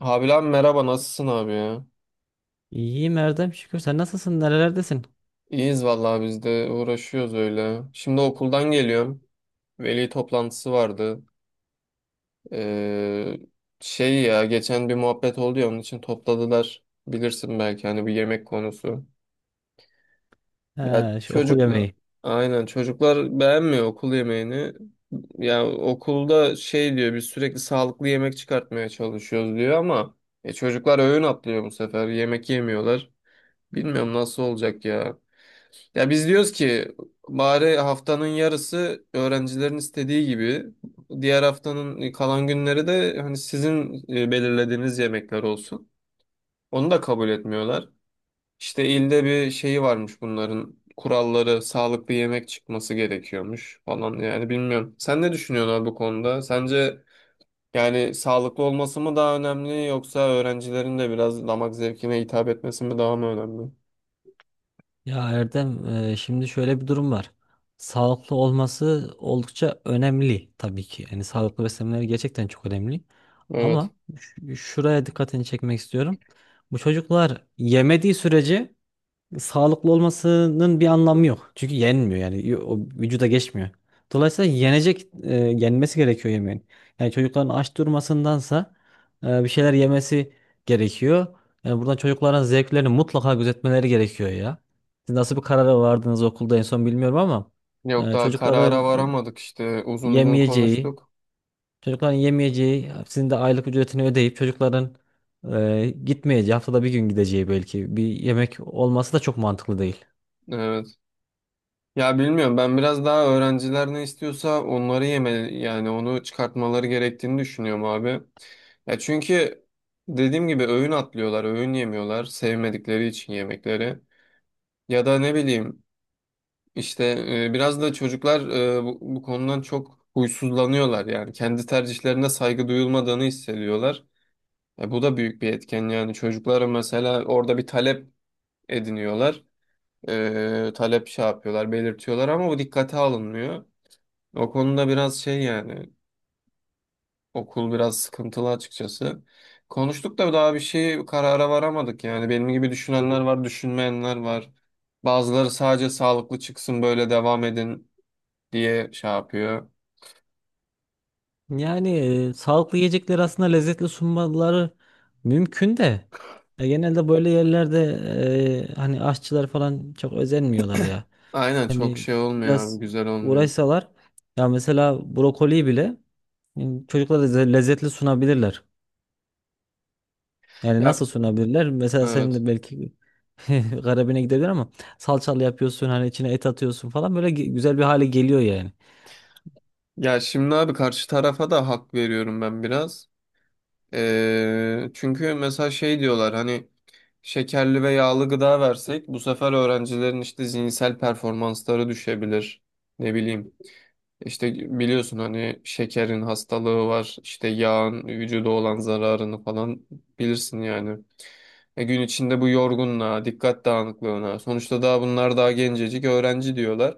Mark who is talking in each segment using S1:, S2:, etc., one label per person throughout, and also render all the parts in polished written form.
S1: Abi lan merhaba nasılsın abi ya?
S2: İyiyim Erdem şükür. Sen nasılsın? Nerelerdesin?
S1: İyiyiz vallahi biz de uğraşıyoruz öyle. Şimdi okuldan geliyorum. Veli toplantısı vardı. Ee, şey ya geçen bir muhabbet oldu ya onun için topladılar. Bilirsin belki hani bir yemek konusu. Ya
S2: He, şu okul
S1: çocuklar
S2: yemeği.
S1: aynen çocuklar beğenmiyor okul yemeğini. Ya okulda şey diyor biz sürekli sağlıklı yemek çıkartmaya çalışıyoruz diyor ama çocuklar öğün atlıyor bu sefer. Yemek yemiyorlar. Bilmiyorum nasıl olacak ya. Ya biz diyoruz ki bari haftanın yarısı öğrencilerin istediği gibi diğer haftanın kalan günleri de hani sizin belirlediğiniz yemekler olsun. Onu da kabul etmiyorlar. İşte ilde bir şeyi varmış bunların kuralları sağlıklı yemek çıkması gerekiyormuş falan yani bilmiyorum. Sen ne düşünüyorsun abi bu konuda? Sence yani sağlıklı olması mı daha önemli yoksa öğrencilerin de biraz damak zevkine hitap etmesi mi daha mı önemli?
S2: Ya Erdem, şimdi şöyle bir durum var. Sağlıklı olması oldukça önemli tabii ki. Yani sağlıklı beslenmeleri gerçekten çok önemli.
S1: Evet.
S2: Ama şuraya dikkatini çekmek istiyorum. Bu çocuklar yemediği sürece sağlıklı olmasının bir anlamı yok. Çünkü yenmiyor yani o vücuda geçmiyor. Dolayısıyla yenmesi gerekiyor yemeğin. Yani çocukların aç durmasındansa bir şeyler yemesi gerekiyor. Yani buradan çocukların zevklerini mutlaka gözetmeleri gerekiyor ya. Siz nasıl bir karara vardınız okulda en son bilmiyorum ama
S1: Yok
S2: e,
S1: daha
S2: çocukların
S1: karara varamadık işte uzun uzun
S2: yemeyeceği,
S1: konuştuk.
S2: çocukların yemeyeceği, sizin de aylık ücretini ödeyip çocukların gitmeyeceği, haftada bir gün gideceği belki bir yemek olması da çok mantıklı değil.
S1: Evet. Ya bilmiyorum ben biraz daha öğrenciler ne istiyorsa onları yeme yani onu çıkartmaları gerektiğini düşünüyorum abi. Ya çünkü dediğim gibi öğün atlıyorlar, öğün yemiyorlar sevmedikleri için yemekleri. Ya da ne bileyim işte biraz da çocuklar bu konudan çok huysuzlanıyorlar yani kendi tercihlerine saygı duyulmadığını hissediyorlar. E, bu da büyük bir etken yani çocuklara mesela orada bir talep ediniyorlar. Talep şey yapıyorlar, belirtiyorlar ama bu dikkate alınmıyor. O konuda biraz şey yani okul biraz sıkıntılı açıkçası. Konuştuk da daha bir şey karara varamadık yani. Benim gibi düşünenler var, düşünmeyenler var. Bazıları sadece sağlıklı çıksın böyle devam edin diye şey yapıyor.
S2: Yani sağlıklı yiyecekleri aslında lezzetli sunmaları mümkün de genelde böyle yerlerde hani aşçılar falan çok özenmiyorlar ya.
S1: Aynen çok
S2: Hani
S1: şey olmuyor abi,
S2: biraz
S1: güzel olmuyor.
S2: uğraşsalar ya mesela brokoli bile e, çocuklara lezzetli sunabilirler. Yani nasıl
S1: Ya
S2: sunabilirler? Mesela senin
S1: evet.
S2: de belki garibine gidebilir ama salçalı yapıyorsun hani içine et atıyorsun falan böyle güzel bir hale geliyor yani.
S1: Ya şimdi abi karşı tarafa da hak veriyorum ben biraz. Çünkü mesela şey diyorlar hani şekerli ve yağlı gıda versek bu sefer öğrencilerin işte zihinsel performansları düşebilir. Ne bileyim işte biliyorsun hani şekerin hastalığı var işte yağın vücuda olan zararını falan bilirsin yani. E gün içinde bu yorgunluğa, dikkat dağınıklığına sonuçta daha bunlar daha gencecik öğrenci diyorlar.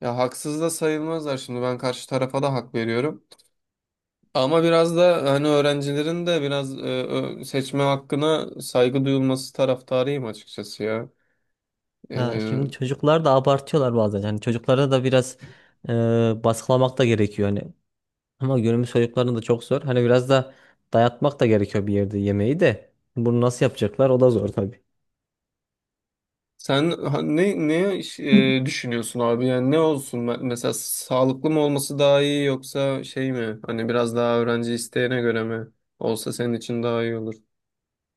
S1: Ya haksız da sayılmazlar şimdi ben karşı tarafa da hak veriyorum. Ama biraz da hani öğrencilerin de biraz seçme hakkına saygı duyulması taraftarıyım açıkçası ya.
S2: Ya şimdi
S1: E,
S2: çocuklar da abartıyorlar bazen. Hani çocuklara da biraz baskılamak da gerekiyor hani. Ama günümüz çocuklarının da çok zor. Hani biraz da dayatmak da gerekiyor bir yerde yemeği de. Bunu nasıl yapacaklar? O da zor tabii.
S1: sen ne düşünüyorsun abi? Yani ne olsun? Mesela sağlıklı mı olması daha iyi yoksa şey mi? Hani biraz daha öğrenci isteğine göre mi olsa senin için daha iyi olur.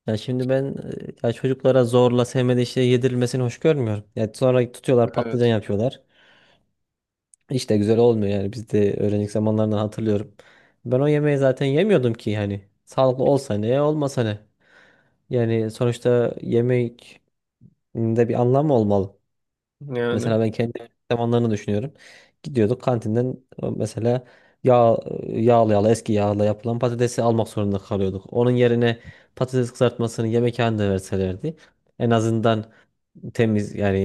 S2: Ya şimdi ben ya çocuklara zorla sevmediği şey yedirilmesini hoş görmüyorum. Ya sonra tutuyorlar patlıcan
S1: Evet.
S2: yapıyorlar. Hiç de güzel olmuyor yani biz de öğrencilik zamanlarından hatırlıyorum. Ben o yemeği zaten yemiyordum ki yani. Sağlıklı olsa ne, olmasa ne. Yani sonuçta yemek de bir anlamı olmalı.
S1: Yani
S2: Mesela ben kendi zamanlarını düşünüyorum. Gidiyorduk kantinden mesela yağ, yağlı yağlı eski yağla yapılan patatesi almak zorunda kalıyorduk. Onun yerine patates kızartmasını yemekhanede verselerdi en azından temiz yani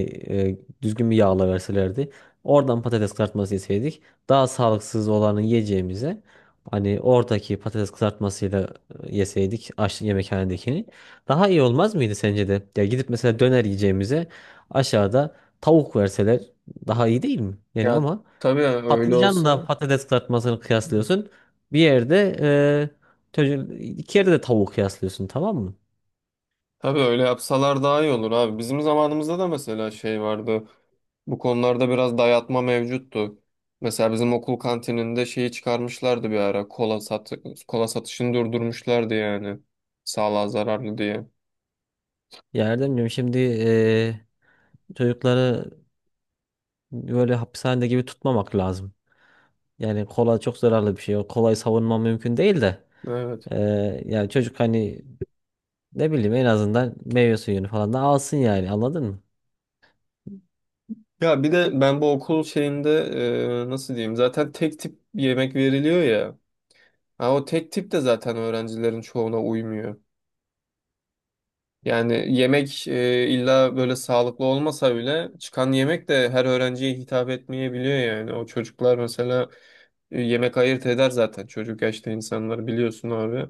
S2: düzgün bir yağla verselerdi. Oradan patates kızartması yeseydik daha sağlıksız olanı yiyeceğimize hani oradaki patates kızartmasıyla yeseydik aç yemekhanedekini daha iyi olmaz mıydı sence de? Ya gidip mesela döner yiyeceğimize aşağıda tavuk verseler daha iyi değil mi? Yani
S1: ya
S2: ama
S1: tabii öyle
S2: patlıcanla
S1: olsa.
S2: patates kızartmasını kıyaslıyorsun. Bir yerde iki yerde de tavuk kıyaslıyorsun tamam mı?
S1: Tabii öyle yapsalar daha iyi olur abi. Bizim zamanımızda da mesela şey vardı. Bu konularda biraz dayatma mevcuttu. Mesela bizim okul kantininde şeyi çıkarmışlardı bir ara. Kola satışını durdurmuşlardı yani. Sağlığa zararlı diye.
S2: Ya Erdemciğim şimdi çocukları böyle hapishanede gibi tutmamak lazım. Yani kola çok zararlı bir şey. O kolayı savunma mümkün değil de.
S1: Evet.
S2: e, Yani çocuk hani ne bileyim en azından meyve suyunu falan da alsın yani anladın mı?
S1: Ya bir de ben bu okul şeyinde nasıl diyeyim? Zaten tek tip yemek veriliyor ya. Ha, o tek tip de zaten öğrencilerin çoğuna uymuyor. Yani yemek illa böyle sağlıklı olmasa bile çıkan yemek de her öğrenciye hitap etmeyebiliyor yani. O çocuklar mesela yemek ayırt eder zaten çocuk yaşta insanları biliyorsun abi.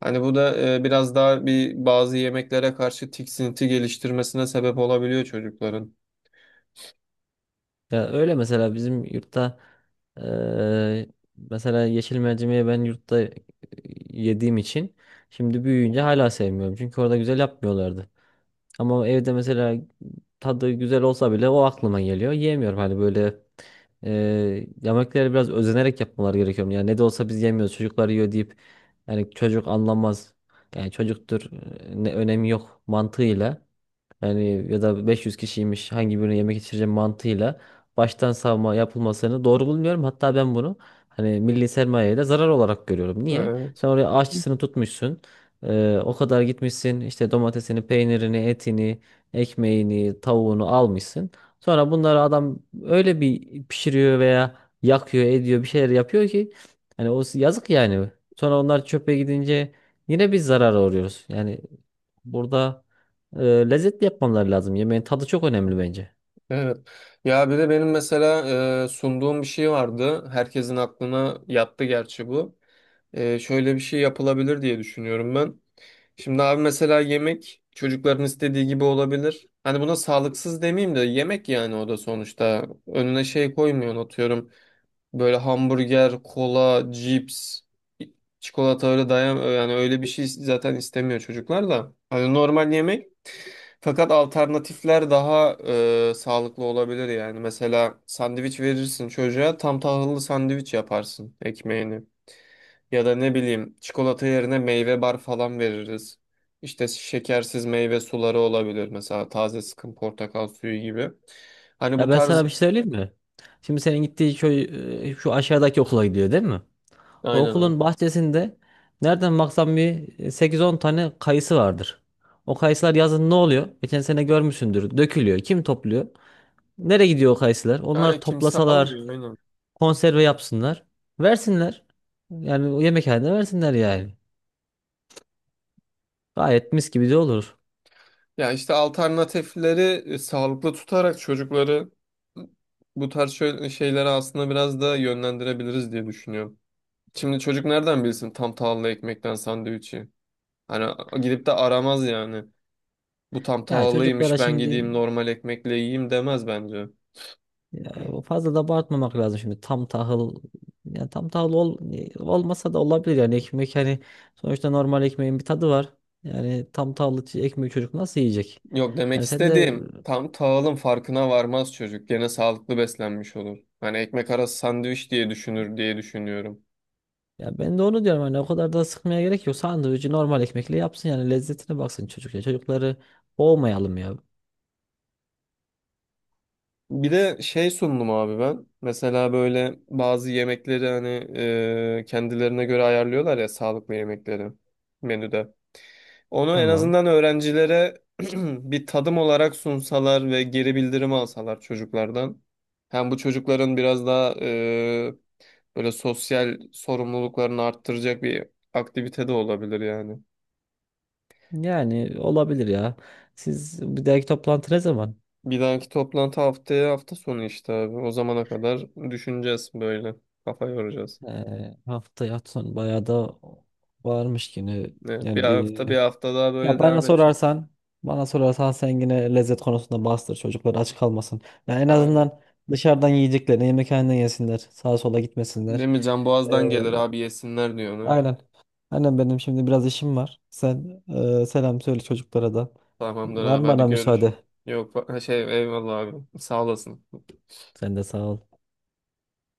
S1: Hani bu da biraz daha bir bazı yemeklere karşı tiksinti geliştirmesine sebep olabiliyor çocukların.
S2: Ya öyle mesela bizim yurtta eee, mesela yeşil mercimeği ben yurtta yediğim için şimdi büyüyünce hala sevmiyorum. Çünkü orada güzel yapmıyorlardı. Ama evde mesela tadı güzel olsa bile o aklıma geliyor. Yiyemiyorum hani böyle eee yemekleri biraz özenerek yapmaları gerekiyor. Yani ne de olsa biz yemiyoruz çocuklar yiyor deyip yani çocuk anlamaz. Yani çocuktur ne önemi yok mantığıyla. Yani ya da 500 kişiymiş hangi birine yemek içireceğim mantığıyla baştan savma yapılmasını doğru bulmuyorum. Hatta ben bunu hani milli sermayeye de zarar olarak görüyorum. Niye?
S1: Evet.
S2: Sen oraya aşçısını tutmuşsun. O kadar gitmişsin işte domatesini, peynirini, etini, ekmeğini, tavuğunu almışsın. Sonra bunları adam öyle bir pişiriyor veya yakıyor, ediyor bir şeyler yapıyor ki hani o yazık yani. Sonra onlar çöpe gidince yine biz zarara uğruyoruz. Yani burada lezzetli yapmaları lazım. Yemeğin tadı çok önemli bence.
S1: Evet. Ya bir de benim mesela sunduğum bir şey vardı. Herkesin aklına yattı gerçi bu. Şöyle bir şey yapılabilir diye düşünüyorum ben. Şimdi abi mesela yemek çocukların istediği gibi olabilir. Hani buna sağlıksız demeyeyim de yemek yani o da sonuçta. Önüne şey koymuyorsun atıyorum. Böyle hamburger, kola, cips, çikolata öyle dayan yani öyle bir şey zaten istemiyor çocuklar da. Hani normal yemek fakat alternatifler daha sağlıklı olabilir yani. Mesela sandviç verirsin çocuğa tam tahıllı sandviç yaparsın ekmeğini. Ya da ne bileyim çikolata yerine meyve bar falan veririz. İşte şekersiz meyve suları olabilir mesela taze sıkım portakal suyu gibi. Hani bu
S2: Ya ben sana
S1: tarz
S2: bir şey söyleyeyim mi? Şimdi senin gittiği köy şu aşağıdaki okula gidiyor değil mi? O
S1: aynen abi.
S2: okulun bahçesinde nereden baksan bir 8-10 tane kayısı vardır. O kayısılar yazın ne oluyor? Geçen sene görmüşsündür. Dökülüyor. Kim topluyor? Nereye gidiyor o kayısılar?
S1: Yani
S2: Onlar
S1: kimse
S2: toplasalar,
S1: almıyor aynen.
S2: konserve yapsınlar. Versinler. Yani o yemekhanede versinler yani. Gayet mis gibi de olur.
S1: Ya işte alternatifleri sağlıklı tutarak çocukları bu tarz şöyle şeylere aslında biraz da yönlendirebiliriz diye düşünüyorum. Şimdi çocuk nereden bilsin tam tahıllı ekmekten sandviçi? Hani gidip de aramaz yani. Bu tam
S2: Ya çocuklara
S1: tahıllıymış ben
S2: şimdi
S1: gideyim normal ekmekle yiyeyim demez bence.
S2: Ya fazla da abartmamak lazım şimdi tam tahıl yani tam tahıl olmasa da olabilir yani ekmek hani sonuçta normal ekmeğin bir tadı var. Yani tam tahıllı ekmeği çocuk nasıl yiyecek?
S1: Yok demek
S2: Yani sen de
S1: istediğim tam tahılın farkına varmaz çocuk. Gene sağlıklı beslenmiş olur. Hani ekmek arası sandviç diye düşünür diye düşünüyorum.
S2: Ya ben de onu diyorum hani o kadar da sıkmaya gerek yok. Sandviçi normal ekmekle yapsın yani lezzetine baksın çocuk ya. Çocukları boğmayalım ya.
S1: Bir de şey sundum abi ben. Mesela böyle bazı yemekleri hani kendilerine göre ayarlıyorlar ya sağlıklı yemekleri menüde. Onu en
S2: Tamam.
S1: azından öğrencilere bir tadım olarak sunsalar ve geri bildirim alsalar çocuklardan. Hem bu çocukların biraz daha böyle sosyal sorumluluklarını arttıracak bir aktivite de olabilir yani.
S2: Yani olabilir ya. Siz bir dahaki toplantı ne zaman?
S1: Bir dahaki toplantı haftaya hafta sonu işte abi. O zamana kadar düşüneceğiz böyle. Kafa yoracağız.
S2: Haftaya son bayağı da varmış yine.
S1: Evet, bir
S2: Yani
S1: hafta bir
S2: bir.
S1: hafta daha
S2: Ya
S1: böyle
S2: bana
S1: devam edecek.
S2: sorarsan, sen yine lezzet konusunda bastır çocuklar aç kalmasın. Ya en
S1: Aynen.
S2: azından dışarıdan yiyeceklerini yemekhaneden yesinler. Sağa sola gitmesinler.
S1: Değil mi? Can
S2: Ee,
S1: Boğaz'dan gelir abi yesinler diyor ona.
S2: aynen. Aynen benim şimdi biraz işim var. Sen selam söyle çocuklara da.
S1: Tamamdır
S2: Var
S1: abi
S2: mı
S1: hadi
S2: bana
S1: görüş.
S2: müsaade?
S1: Yok ha şey eyvallah abi. Sağ olasın.
S2: Sen de sağ ol.